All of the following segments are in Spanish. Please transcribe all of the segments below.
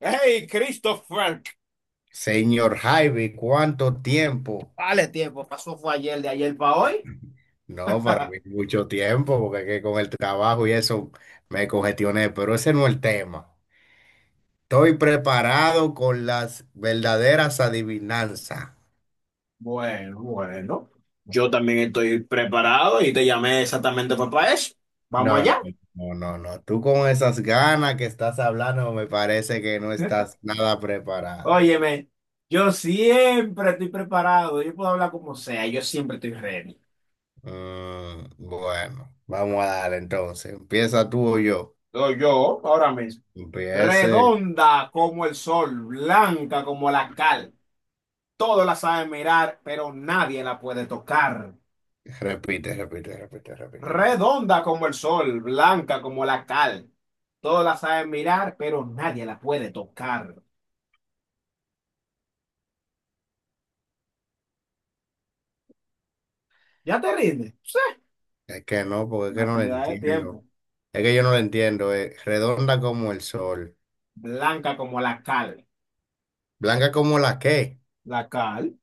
Hey, Christopher. Frank. Señor Javi, ¿cuánto tiempo? Vale, tiempo, pasó fue ayer, de ayer para hoy. No, para mí mucho tiempo, porque es que con el trabajo y eso me congestioné, pero ese no es el tema. Estoy preparado con las verdaderas adivinanzas. Bueno. Yo también estoy preparado y te llamé exactamente para eso. Vamos No, no, allá. no, no, no. Tú con esas ganas que estás hablando, me parece que no ¿Eh? estás nada preparado. Óyeme, yo siempre estoy preparado, yo puedo hablar como sea, yo siempre estoy ready. Bueno, vamos a darle entonces. Empieza tú o yo. Soy yo, ahora mismo. Empiece. Redonda como el sol, blanca como la cal. Todos la saben mirar, pero nadie la puede tocar. Repite, repite, repite, repite, repite. Redonda como el sol, blanca como la cal. Todos la saben mirar, pero nadie la puede tocar. ¿Ya te rindes? Sí, Es que no, porque es que una no lo pérdida de entiendo. tiempo. Es que yo no lo entiendo. Es redonda como el sol. Blanca como la cal. Blanca como la qué. ¿La cal?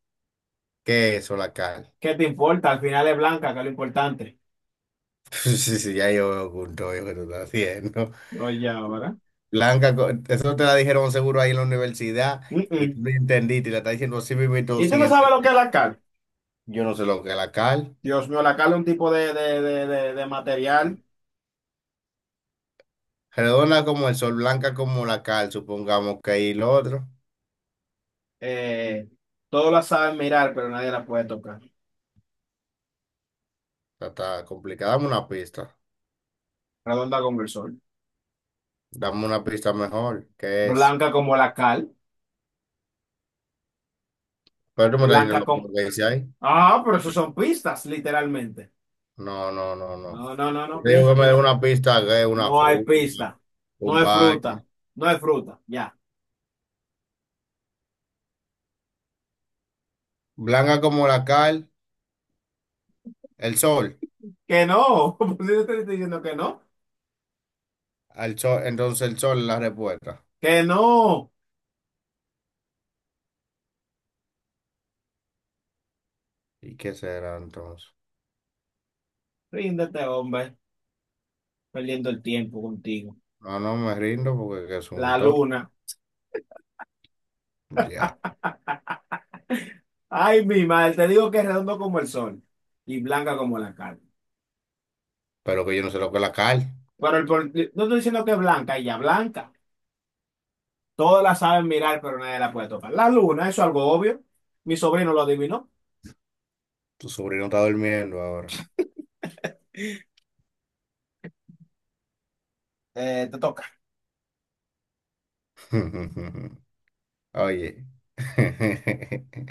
¿Qué es eso, la cal? ¿Qué te importa? Al final es blanca, que es lo importante. Sí, sí, ya yo veo junto yo que tú estás haciendo. Oye, ahora. Blanca, co- eso te la dijeron seguro ahí en la universidad Mm, y tú mm. no entendiste y la estás diciendo así mismo y todo ¿Y tú sin no sabes lo que es entender. la cal? Yo no sé lo que es la cal. Dios mío, la cal es un tipo de material. Redonda como el sol, blanca como la cal, supongamos que ahí lo otro. eh, todos la saben mirar, pero nadie la puede tocar. Está, está complicado. Dame una pista. Redonda como el sol. Dame una pista mejor. ¿Qué es? Blanca como la cal. Pero tú me estás Blanca diciendo lo como... mismo que dice ahí. Ah, pero eso son pistas, literalmente. No, no, no, no. No, no, no, no, Te digo piensa, que me dé piensa. una pista, que es una No hay fruta, pista. No un es baño. fruta. No es fruta. Ya. Blanca como la cal, el sol. Que no. ¿Por qué te estoy diciendo que no? El sol, entonces el sol es la respuesta. Que no. ¿Y qué será entonces? Ríndete, hombre. Perdiendo el tiempo contigo. No, no me rindo porque que es un La toro. luna. Ya. Ay, mi madre. Te digo que es redondo como el sol y blanca como la carne. Pero que yo no sé lo que es la cal. Pero no estoy diciendo que es blanca, ella blanca. Todas la saben mirar, pero nadie la puede tocar. La luna, eso es algo obvio. Mi sobrino lo adivinó. Tu sobrino está durmiendo ahora. Te toca. Oye.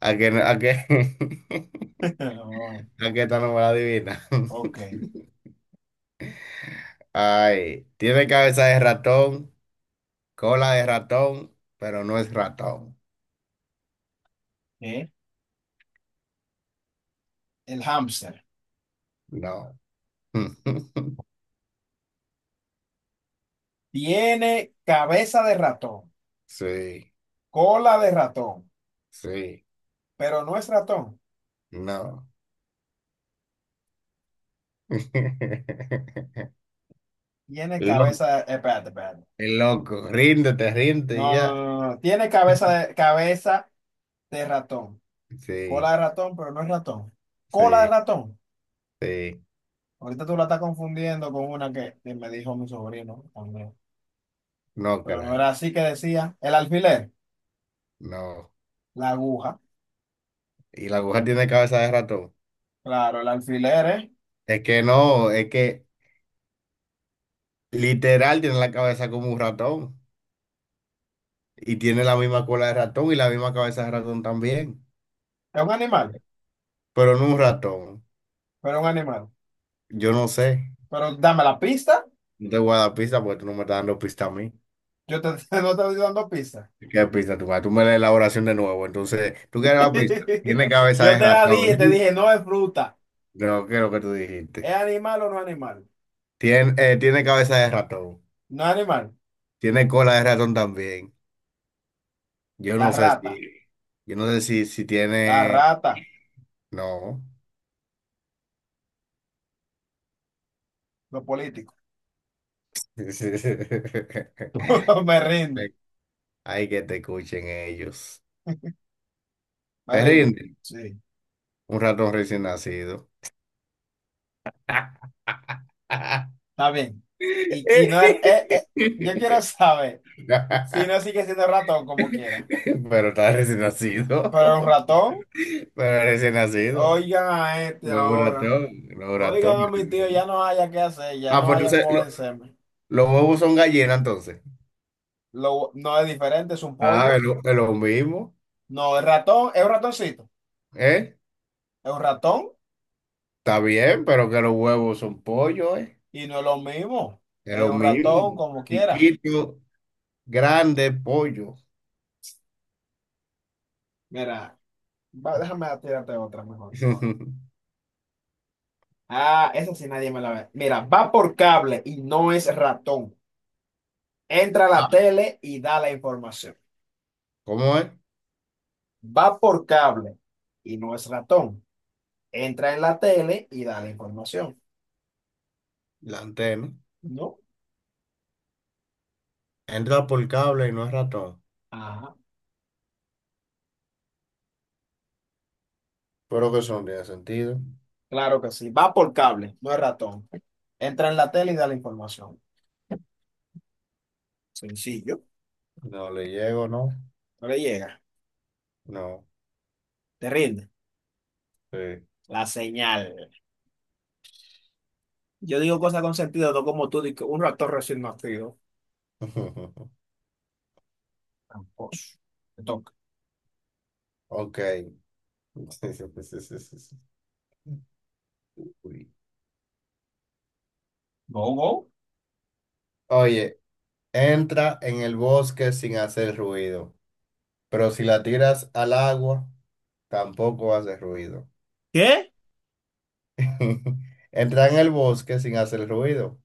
¿A qué, no- a qué, Oh, a qué esta no me la adivina? ok. Ay, tiene cabeza de ratón. Cola de ratón, pero no es ratón. ¿Qué? El hámster No. tiene cabeza de ratón, Sí, cola de ratón, sí, pero no es ratón. no. Tiene cabeza Loco, de... Espérate, espérate. el loco. Ríndete, ríndete y No, no, ya. no, no, no. Tiene cabeza de ratón, cola Sí, de ratón, pero no es ratón. Cola de sí, ratón. sí. Ahorita tú la estás confundiendo con una que me dijo mi sobrino también. No Pero no era creo. así que decía. El alfiler, No. la aguja. Y la aguja tiene cabeza de ratón. Claro, el alfiler Es que no, es que literal tiene la cabeza como un ratón. Y tiene la misma cola de ratón y la misma cabeza de ratón también. es Pero no un ratón. Un animal. Yo no sé. Pero dame la pista. No te voy a dar pista porque tú no me estás dando pista a mí. Yo te, no te estoy dando pista. ¿Qué pista tú vas? Tú me das la elaboración de nuevo. Entonces, ¿tú quieres la pista? Tiene cabeza Yo de te la ratón. dije, te dije, no es fruta. Creo que es lo que tú ¿Es dijiste. animal o no es animal? Tiene, tiene cabeza de ratón. No es animal. Tiene cola de ratón también. Yo La no sé rata. si. Yo no sé si, si La tiene. rata. No. Los políticos. Me rindo. Hay que te escuchen ellos. Me ¿Te rindo. rinden? Sí. Un ratón recién nacido. Está bien. Y no es, yo quiero saber si no sigue siendo ratón como quiera. Pero está recién nacido. Pero un ratón, Pero recién nacido. oigan a este No es un ahora. ratón, no es un Oigan a mi tío, ratón. ya no haya qué hacer, ya Ah, no pues haya entonces cómo lo- vencerme. los huevos son gallinas entonces. Lo, no es diferente, es un Ah, pollo. Es lo mismo. No, el ratón es un ratoncito. ¿Eh? Es un ratón Está bien, pero que los huevos son pollo, ¿eh? y no es lo mismo. Es Es lo un ratón mismo. como quiera. Chiquito, grande, pollo. Mira, déjame tirarte otra mejor. Ah, esa sí nadie me la ve. Mira, va por cable y no es ratón. Entra a la tele y da la información. ¿Cómo es? Va por cable y no es ratón. Entra en la tele y da la información. La antena. ¿No? Entra por cable y no es ratón. Ajá. Pero que son, ¿de tiene sentido. Claro que sí. Va por cable, no es ratón. Entra en la tele y da la información. Sencillo. No le llego, ¿no? No le llega. No. Te rinde. Sí. La señal. Yo digo cosas con sentido, no como tú, di que un ratón recién nacido. Tramposo. Te toca. Ok. Sí, sí, sí, sí, sí, sí. Uy. Go, go. Oye, entra en el bosque sin hacer ruido, pero si la tiras al agua, tampoco hace ruido. ¿Qué? Entra en el bosque sin hacer ruido,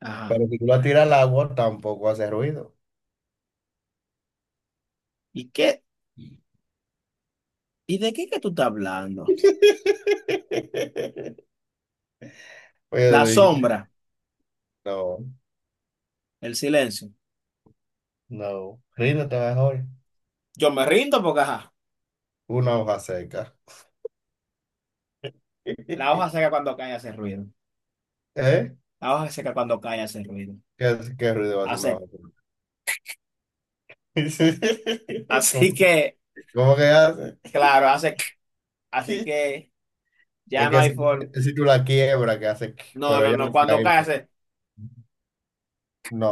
Ajá. pero si tú la tiras al agua, tampoco hace ruido. ¿Y qué? ¿Y de qué que tú estás hablando? Oye, La lo dije, sombra, no, el silencio. no, ríndete mejor. Yo me rindo porque, ajá, Una hoja seca. la hoja seca cuando cae hace ruido. ¿Eh? La hoja seca cuando cae hace ruido. ¿Qué, qué ruido hace una Hace. hoja seca? Así ¿Cómo, que, cómo que hace? claro, hace. Así que Es ya no que hay forma. si, si tú la quiebras, ¿que hace? No, Pero no, ella no. no Cuando cae. cae hace. No.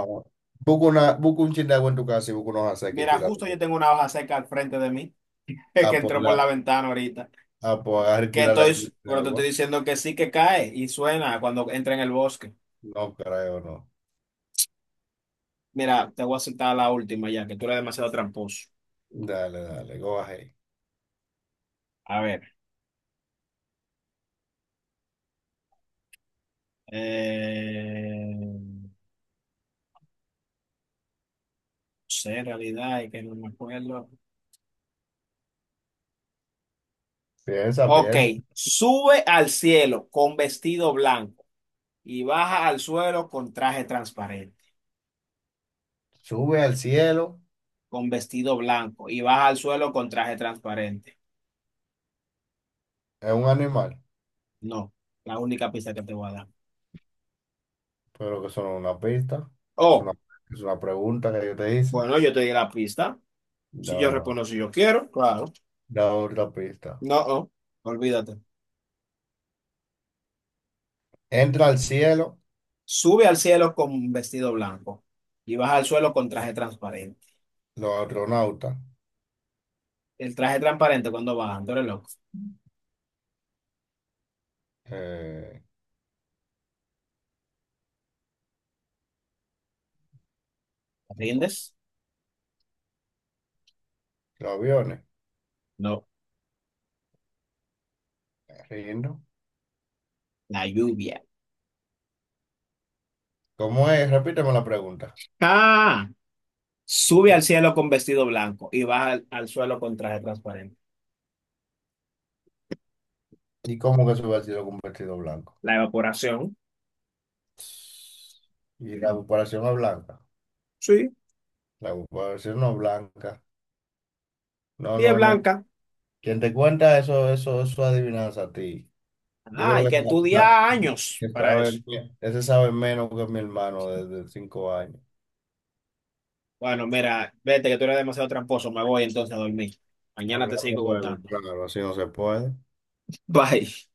Busca, una, busca un chin de agua en tu casa y busca unos aceques y Mira, tira. justo yo tengo una hoja seca al frente de mí, es que A por entró por la la, ventana ahorita. a por agarrar y Que tirar estoy, la pero te estoy agua. diciendo que sí que cae y suena cuando entra en el bosque. No creo, no. Mira, te voy a aceptar la última ya, que tú eres demasiado tramposo. Dale, dale, go ahead. A ver, no sé, en realidad, es que no me acuerdo. Piensa, Ok, piensa. sube al cielo con vestido blanco y baja al suelo con traje transparente. Sube al cielo. Con vestido blanco y baja al suelo con traje transparente. Es un animal. No, la única pista que te voy a dar. Pero que son una pista. Es Oh, una, es una pregunta que yo te hice. bueno, yo te di la pista. Si No, yo no. respondo si yo quiero, claro. Da otra pista. No, oh, olvídate. Entra al cielo Sube al cielo con un vestido blanco y baja al suelo con traje transparente. los astronautas. El traje transparente cuando baja, tú eres loco. eh, ¿Te ¿rindes? los aviones. No, Riendo. la lluvia. ¿Cómo es? Repíteme la pregunta. Ah, sube Porque- al cielo con vestido blanco y baja al suelo con traje transparente. ¿y cómo que se hubiera sido con un vestido blanco? La evaporación. Y la comparación no es blanca. Sí, La comparación no es blanca. No, y es no, no. blanca. Quien te cuenta eso, eso, eso es adivinanza a ti. Yo Ah, creo hay que que ese sa- estudiar años que para eso. sabe, ese sabe menos que mi hermano desde 5 años. Bueno, mira, vete que tú eres demasiado tramposo. Me voy entonces a dormir. Mañana te Hablando sigo luego, contando. claro, así no se puede. Bye.